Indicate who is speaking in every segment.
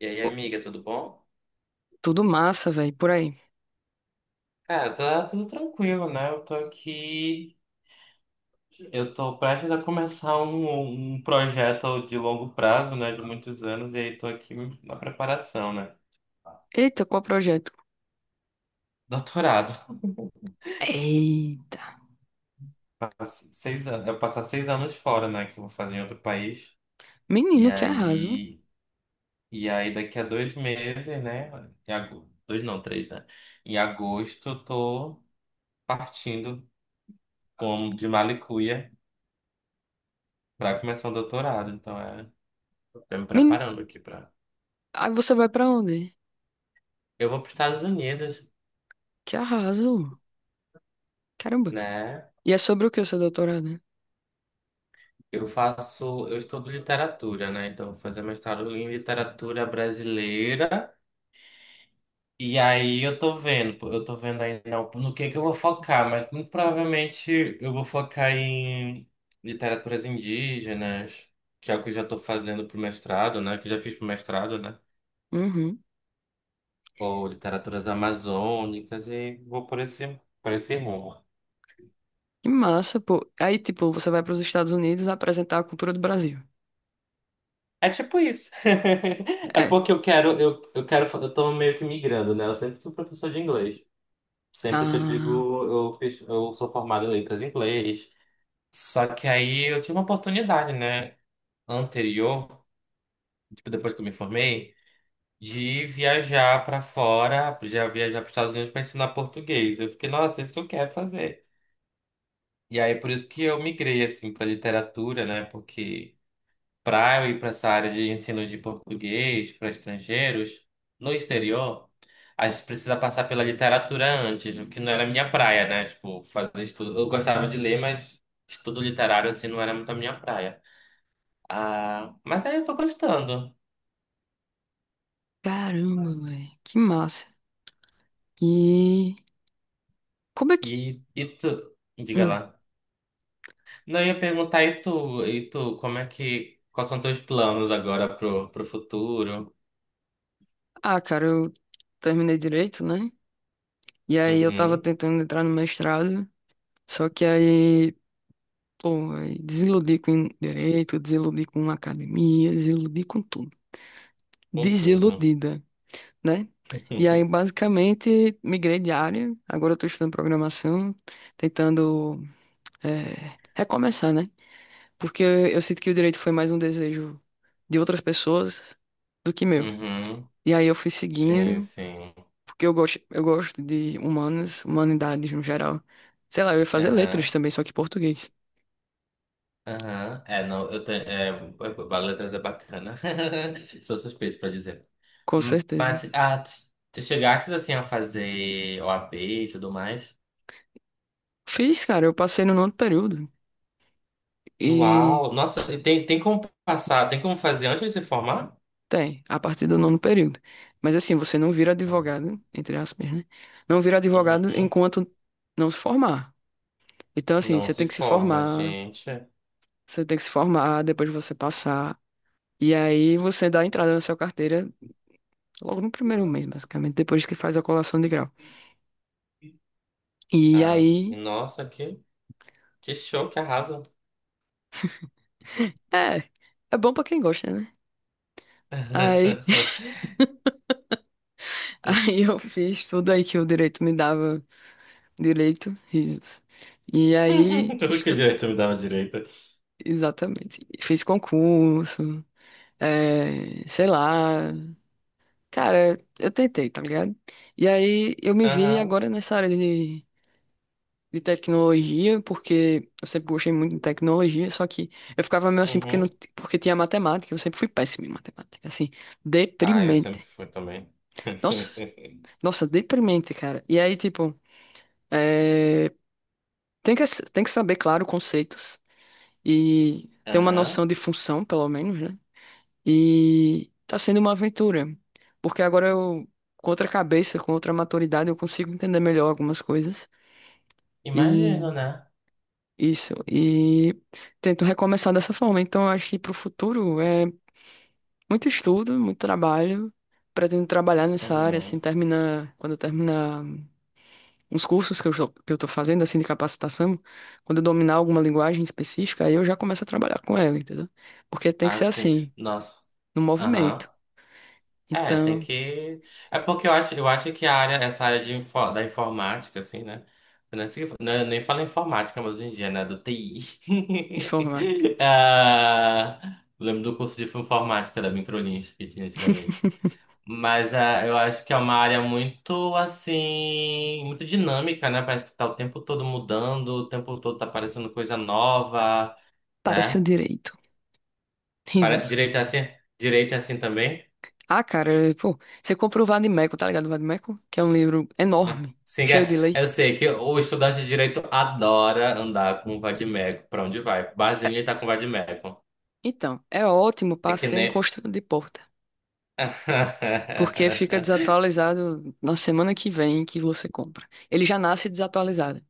Speaker 1: E aí,
Speaker 2: Pô,
Speaker 1: amiga, tudo bom?
Speaker 2: tudo massa, velho, por aí.
Speaker 1: Cara, tá tudo tranquilo, né? Eu tô aqui, eu tô prestes a começar um projeto de longo prazo, né? De muitos anos, e aí tô aqui na preparação, né?
Speaker 2: Eita, qual projeto?
Speaker 1: Doutorado.
Speaker 2: Eita.
Speaker 1: Seis anos, eu passar seis anos fora, né? Que eu vou fazer em outro país. E
Speaker 2: Menino, que arraso.
Speaker 1: aí, e aí daqui a dois meses, né? Em agosto, dois não, três, né? Em agosto, eu tô partindo como de Malicuia pra começar o doutorado. Tô me
Speaker 2: Menino,
Speaker 1: preparando aqui pra.
Speaker 2: aí você vai pra onde?
Speaker 1: Eu vou para os Estados Unidos,
Speaker 2: Que arraso. Caramba.
Speaker 1: né?
Speaker 2: E é sobre o que o seu doutorado, né?
Speaker 1: Eu estudo literatura, né? Então, eu vou fazer mestrado em literatura brasileira. E aí eu tô vendo, pô, eu tô vendo ainda no que eu vou focar, mas muito provavelmente eu vou focar em literaturas indígenas, que é o que eu já tô fazendo pro mestrado, né? Que eu já fiz pro mestrado, né?
Speaker 2: Uhum.
Speaker 1: Ou literaturas amazônicas e vou por por esse rumo.
Speaker 2: Que massa, pô. Aí, tipo, você vai pros Estados Unidos apresentar a cultura do Brasil.
Speaker 1: É tipo isso. É
Speaker 2: É.
Speaker 1: porque eu quero, eu quero, eu tô meio que migrando, né? Eu sempre fui professor de inglês. Sempre que eu
Speaker 2: Ah,
Speaker 1: digo, eu sou formado em letras em inglês. Só que aí eu tive uma oportunidade, né, anterior, tipo depois que eu me formei, de viajar pra fora, já viajar para Estados Unidos pra ensinar português. Eu fiquei, nossa, é isso que eu quero fazer. E aí por isso que eu migrei assim pra literatura, né? Porque para eu ir para essa área de ensino de português para estrangeiros no exterior, a gente precisa passar pela literatura antes, o que não era minha praia, né? Tipo, fazer estudo. Eu gostava de ler, mas estudo literário assim não era muito a minha praia. Ah, mas aí eu tô gostando.
Speaker 2: caramba, velho. Que massa. E como é que...
Speaker 1: E tu, diga lá.
Speaker 2: Hum.
Speaker 1: Não, eu ia perguntar, como é que, quais são teus planos agora pro futuro?
Speaker 2: Ah, cara, eu terminei direito, né? E aí eu tava
Speaker 1: Uhum,
Speaker 2: tentando entrar no mestrado, só que aí... Pô, aí desiludi com direito, desiludi com academia, desiludi com tudo.
Speaker 1: com tudo.
Speaker 2: Desiludida, né? E aí, basicamente, migrei de área. Agora eu tô estudando programação, tentando recomeçar, né? Porque eu sinto que o direito foi mais um desejo de outras pessoas do que meu.
Speaker 1: Uhum,
Speaker 2: E aí eu fui
Speaker 1: sim,
Speaker 2: seguindo,
Speaker 1: sim.
Speaker 2: porque eu gosto de humanas, humanidades no geral. Sei lá, eu ia fazer letras
Speaker 1: Aham.
Speaker 2: também, só que português,
Speaker 1: Aham, É, não, eu tenho. É, Letras é bacana. Sou suspeito pra dizer.
Speaker 2: com certeza.
Speaker 1: Mas, ah, tu, tu chegaste assim a fazer OAB e tudo mais?
Speaker 2: Fiz, cara, eu passei no nono período. E
Speaker 1: Uau! Nossa, tem como passar, tem como fazer antes de se formar?
Speaker 2: tem, a partir do nono período. Mas assim, você não vira
Speaker 1: Ah.
Speaker 2: advogado, entre aspas, né? Não vira advogado
Speaker 1: Uhum.
Speaker 2: enquanto não se formar. Então, assim,
Speaker 1: Não
Speaker 2: você
Speaker 1: se
Speaker 2: tem que se
Speaker 1: forma,
Speaker 2: formar,
Speaker 1: gente.
Speaker 2: você tem que se formar, depois você passar. E aí você dá a entrada na sua carteira logo no primeiro mês, basicamente, depois que faz a colação de grau. E
Speaker 1: Ah,
Speaker 2: aí,
Speaker 1: sim. Que show, que arraso.
Speaker 2: é, é bom pra quem gosta, né? Aí, aí eu fiz tudo aí que o direito me dava direito, risos. E aí,
Speaker 1: Tudo que
Speaker 2: estu-
Speaker 1: direito me dava direito.
Speaker 2: exatamente. Fiz concurso, é, sei lá. Cara, eu tentei, tá ligado? E aí eu me vi
Speaker 1: Aham,
Speaker 2: agora nessa área de tecnologia, porque eu sempre gostei muito de tecnologia, só que eu ficava meio assim porque, não,
Speaker 1: uhum.
Speaker 2: porque tinha matemática, eu sempre fui péssimo em matemática, assim,
Speaker 1: Ah, eu
Speaker 2: deprimente.
Speaker 1: sempre fui também.
Speaker 2: Nossa, nossa, deprimente, cara. E aí, tipo, é, tem que, tem que saber, claro, conceitos e ter uma
Speaker 1: Aham.
Speaker 2: noção de função, pelo menos, né? E tá sendo uma aventura, porque agora eu, com outra cabeça, com outra maturidade, eu consigo entender melhor algumas coisas. E
Speaker 1: Imagino, né?
Speaker 2: isso, e tento recomeçar dessa forma. Então, eu acho que pro futuro é muito estudo, muito trabalho. Pretendo trabalhar nessa área, assim,
Speaker 1: Uhum.
Speaker 2: terminar, quando eu terminar uns cursos que eu, jo- que eu tô fazendo, assim, de capacitação, quando eu dominar alguma linguagem específica, aí eu já começo a trabalhar com ela, entendeu? Porque tem que ser
Speaker 1: Assim,
Speaker 2: assim,
Speaker 1: nossa.
Speaker 2: no
Speaker 1: Aham.
Speaker 2: movimento.
Speaker 1: É, tem
Speaker 2: Então,
Speaker 1: que. É porque eu acho que essa área de, da informática, assim, né? Eu nem falo informática, mas hoje em dia, né? Do TI.
Speaker 2: informática.
Speaker 1: Ah, lembro do curso de informática da Microlins que tinha antigamente. Mas ah, eu acho que é uma área muito, assim, muito dinâmica, né? Parece que tá o tempo todo mudando, o tempo todo tá aparecendo coisa nova,
Speaker 2: Para seu
Speaker 1: né?
Speaker 2: direito.
Speaker 1: Para,
Speaker 2: Risos.
Speaker 1: direito é assim? Direito é assim também?
Speaker 2: Ah, cara, pô, você comprou o Vademécum, tá ligado? O Vademécum, que é um livro
Speaker 1: Ah,
Speaker 2: enorme,
Speaker 1: sim,
Speaker 2: cheio
Speaker 1: é,
Speaker 2: de lei.
Speaker 1: eu sei que o estudante de direito adora andar com o vade-mecum para onde vai. Barzinho ele tá com o vade-mecum.
Speaker 2: Então, é ótimo
Speaker 1: É
Speaker 2: para
Speaker 1: que
Speaker 2: ser em
Speaker 1: nem.
Speaker 2: construção de porta. Porque fica desatualizado na semana que vem que você compra. Ele já nasce desatualizado.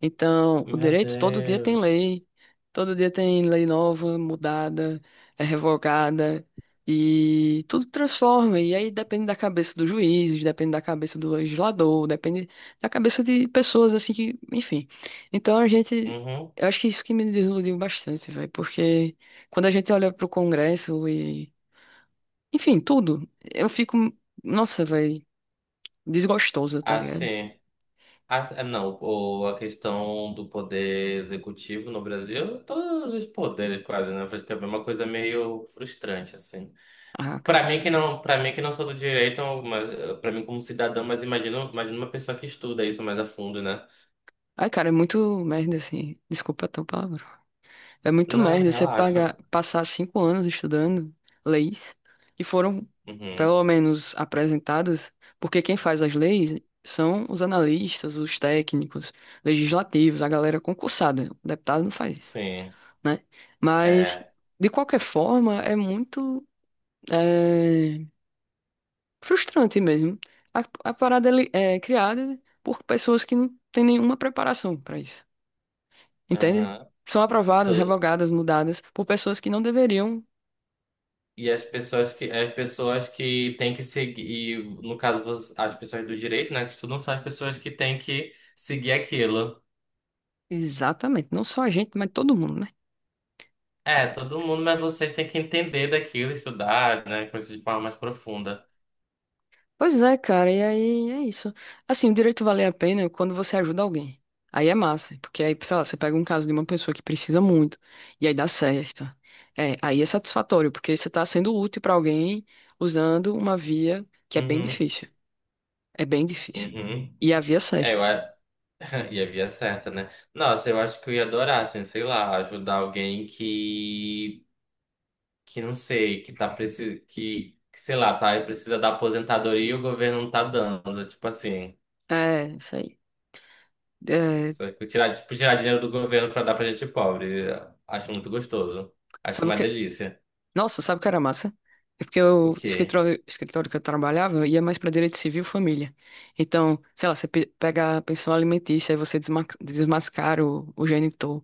Speaker 2: Então, o
Speaker 1: Meu
Speaker 2: direito todo dia tem
Speaker 1: Deus.
Speaker 2: lei, todo dia tem lei nova, mudada, é revogada e tudo transforma. E aí depende da cabeça do juiz, depende da cabeça do legislador, depende da cabeça de pessoas assim que, enfim. Então a gente
Speaker 1: Uhum.
Speaker 2: eu acho que isso que me desiludiu bastante, velho, porque quando a gente olha para o Congresso enfim, tudo. Eu fico, nossa, velho, desgostosa, tá ligado?
Speaker 1: Assim. Não, ou a questão do poder executivo no Brasil, todos os poderes quase, né? Acho que é uma coisa meio frustrante, assim.
Speaker 2: Ah,
Speaker 1: Pra
Speaker 2: cara.
Speaker 1: mim que não, para mim que não sou do direito, mas para mim como cidadão, mas imagino uma pessoa que estuda isso mais a fundo, né?
Speaker 2: Ai, cara, é muito merda, assim. Desculpa até o palavrão. É muito
Speaker 1: Não,
Speaker 2: merda você
Speaker 1: relaxa.
Speaker 2: pagar, passar 5 anos estudando leis e foram,
Speaker 1: Uhum.
Speaker 2: pelo menos, apresentadas, porque quem faz as leis são os analistas, os técnicos, legislativos, a galera concursada. O deputado não faz isso,
Speaker 1: Sim.
Speaker 2: né? Mas,
Speaker 1: É.
Speaker 2: de qualquer forma, é muito. eh, Frustrante mesmo. A parada ele é criada por pessoas que não têm nenhuma preparação para isso, entende?
Speaker 1: Aham.
Speaker 2: São
Speaker 1: E
Speaker 2: aprovadas,
Speaker 1: tu-
Speaker 2: revogadas, mudadas por pessoas que não deveriam.
Speaker 1: e as pessoas que têm que seguir, e, no caso as pessoas do direito, né, que estudam são as pessoas que têm que seguir aquilo.
Speaker 2: Exatamente, não só a gente, mas todo mundo, né?
Speaker 1: É, todo mundo, mas vocês têm que entender daquilo, estudar, né, coisas de forma mais profunda.
Speaker 2: Pois é, cara, e aí é isso. Assim, o direito vale a pena é quando você ajuda alguém. Aí é massa, porque aí, sei lá, você pega um caso de uma pessoa que precisa muito, e aí dá certo. É, aí é satisfatório, porque você está sendo útil para alguém usando uma via que é bem
Speaker 1: Uhum.
Speaker 2: difícil. É bem difícil.
Speaker 1: Uhum.
Speaker 2: E havia
Speaker 1: É,
Speaker 2: cesta.
Speaker 1: eu, a- E a via certa, né? Nossa, eu acho que eu ia adorar, assim, sei lá, ajudar alguém que não sei, que tá precisando, sei lá, tá, precisa da aposentadoria e o governo não tá dando, tipo assim,
Speaker 2: É, isso aí. É,
Speaker 1: só que tirar, tipo, tirar dinheiro do governo pra dar pra gente pobre. Acho muito gostoso. Acho
Speaker 2: sabe o
Speaker 1: uma
Speaker 2: que?
Speaker 1: delícia.
Speaker 2: Nossa, sabe o que era massa? É porque
Speaker 1: O
Speaker 2: o
Speaker 1: quê?
Speaker 2: escritório, escritório que eu trabalhava ia mais para direito civil e família. Então, sei lá, você pe- pega a pensão alimentícia, aí você desma- desmascara o genitor.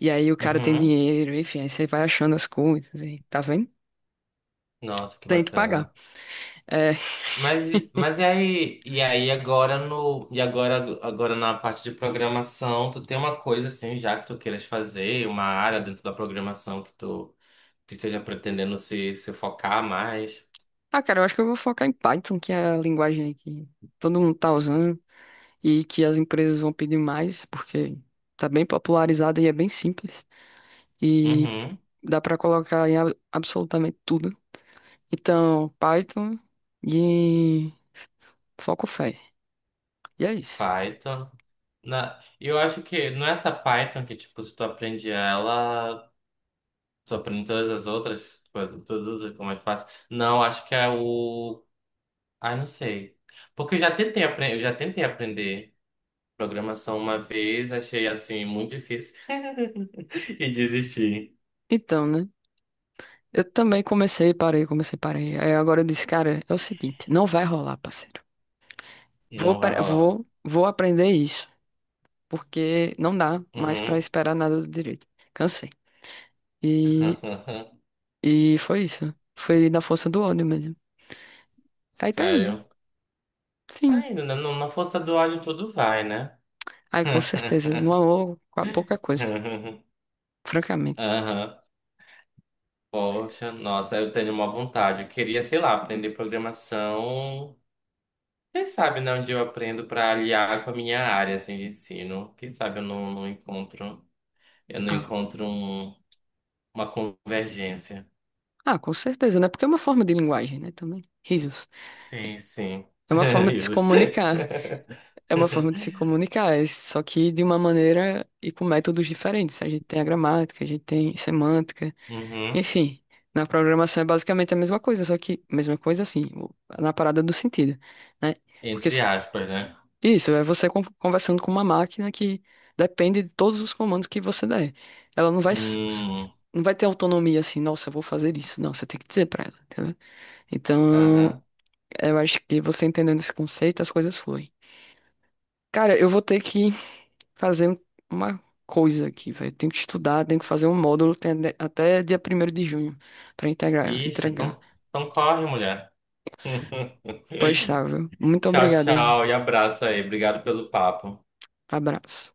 Speaker 2: E aí o cara tem
Speaker 1: Uhum.
Speaker 2: dinheiro, enfim, aí você vai achando as coisas, e, tá vendo?
Speaker 1: Nossa, que
Speaker 2: Tem que pagar.
Speaker 1: bacana.
Speaker 2: É,
Speaker 1: Mas, mas e aí agora no, e agora, agora na parte de programação, tu tem uma coisa assim já que tu queiras fazer, uma área dentro da programação tu esteja pretendendo se focar mais?
Speaker 2: ah, cara, eu acho que eu vou focar em Python, que é a linguagem aí que todo mundo tá usando. E que as empresas vão pedir mais, porque tá bem popularizada e é bem simples. E
Speaker 1: Uhum,
Speaker 2: dá para colocar em a- absolutamente tudo. Então, Python e foco fé. E é isso.
Speaker 1: Python. Na, eu acho que não é essa Python que, tipo, se tu aprende ela, tu aprende todas as outras coisas, tudo fica mais fácil. Não, acho que é o... Ai, não sei. Porque eu já tentei, eu já tentei aprender. Programação uma vez, achei assim muito difícil e desisti.
Speaker 2: Então, né? Eu também comecei, parei, comecei, parei. Aí agora eu disse, cara, é o seguinte, não vai rolar, parceiro. Vou,
Speaker 1: Não vai
Speaker 2: pe-
Speaker 1: rolar.
Speaker 2: vou aprender isso, porque não dá mais para
Speaker 1: Uhum.
Speaker 2: esperar nada do direito. Cansei. E, e foi isso. Foi na força do ódio mesmo. Aí tá indo.
Speaker 1: Sério.
Speaker 2: Sim.
Speaker 1: Ainda na na força do ódio tudo vai, né?
Speaker 2: Aí com certeza. No amor, qua- pouca coisa, francamente.
Speaker 1: Aham. Poxa, nossa, eu tenho uma vontade. Eu queria, sei lá, aprender programação. Quem sabe, né, onde eu aprendo para aliar com a minha área assim, de ensino. Quem sabe eu não, não encontro, eu não
Speaker 2: Ah,
Speaker 1: encontro uma convergência.
Speaker 2: ah, com certeza, né? Porque é uma forma de linguagem, né? Também. Risos.
Speaker 1: Sim, sim.
Speaker 2: É uma forma de se
Speaker 1: Risos.
Speaker 2: comunicar. É uma forma de se comunicar, é só que de uma maneira e com métodos diferentes. A gente tem a gramática, a gente tem semântica,
Speaker 1: Uhum.
Speaker 2: enfim. Na programação é basicamente a mesma coisa, só que mesma coisa assim, o- na parada do sentido, né? Porque
Speaker 1: Entre aspas, né?
Speaker 2: isso, é você con- conversando com uma máquina que depende de todos os comandos que você der. Ela não vai, s- s-
Speaker 1: Hum,
Speaker 2: não vai ter autonomia assim, nossa, eu vou fazer isso. Não, você tem que dizer pra ela, entendeu? Então,
Speaker 1: aham.
Speaker 2: eu acho que você entendendo esse conceito, as coisas fluem. Cara, eu vou ter que fazer um- uma coisa aqui, velho. Tenho que estudar, tenho que fazer um módulo tem ade- até dia primeiro de junho pra integrar,
Speaker 1: Ixi,
Speaker 2: entregar.
Speaker 1: então, então corre, mulher.
Speaker 2: Pois tá, viu? Muito
Speaker 1: Tchau,
Speaker 2: obrigada. Aí.
Speaker 1: tchau e abraço aí. Obrigado pelo papo.
Speaker 2: Abraço.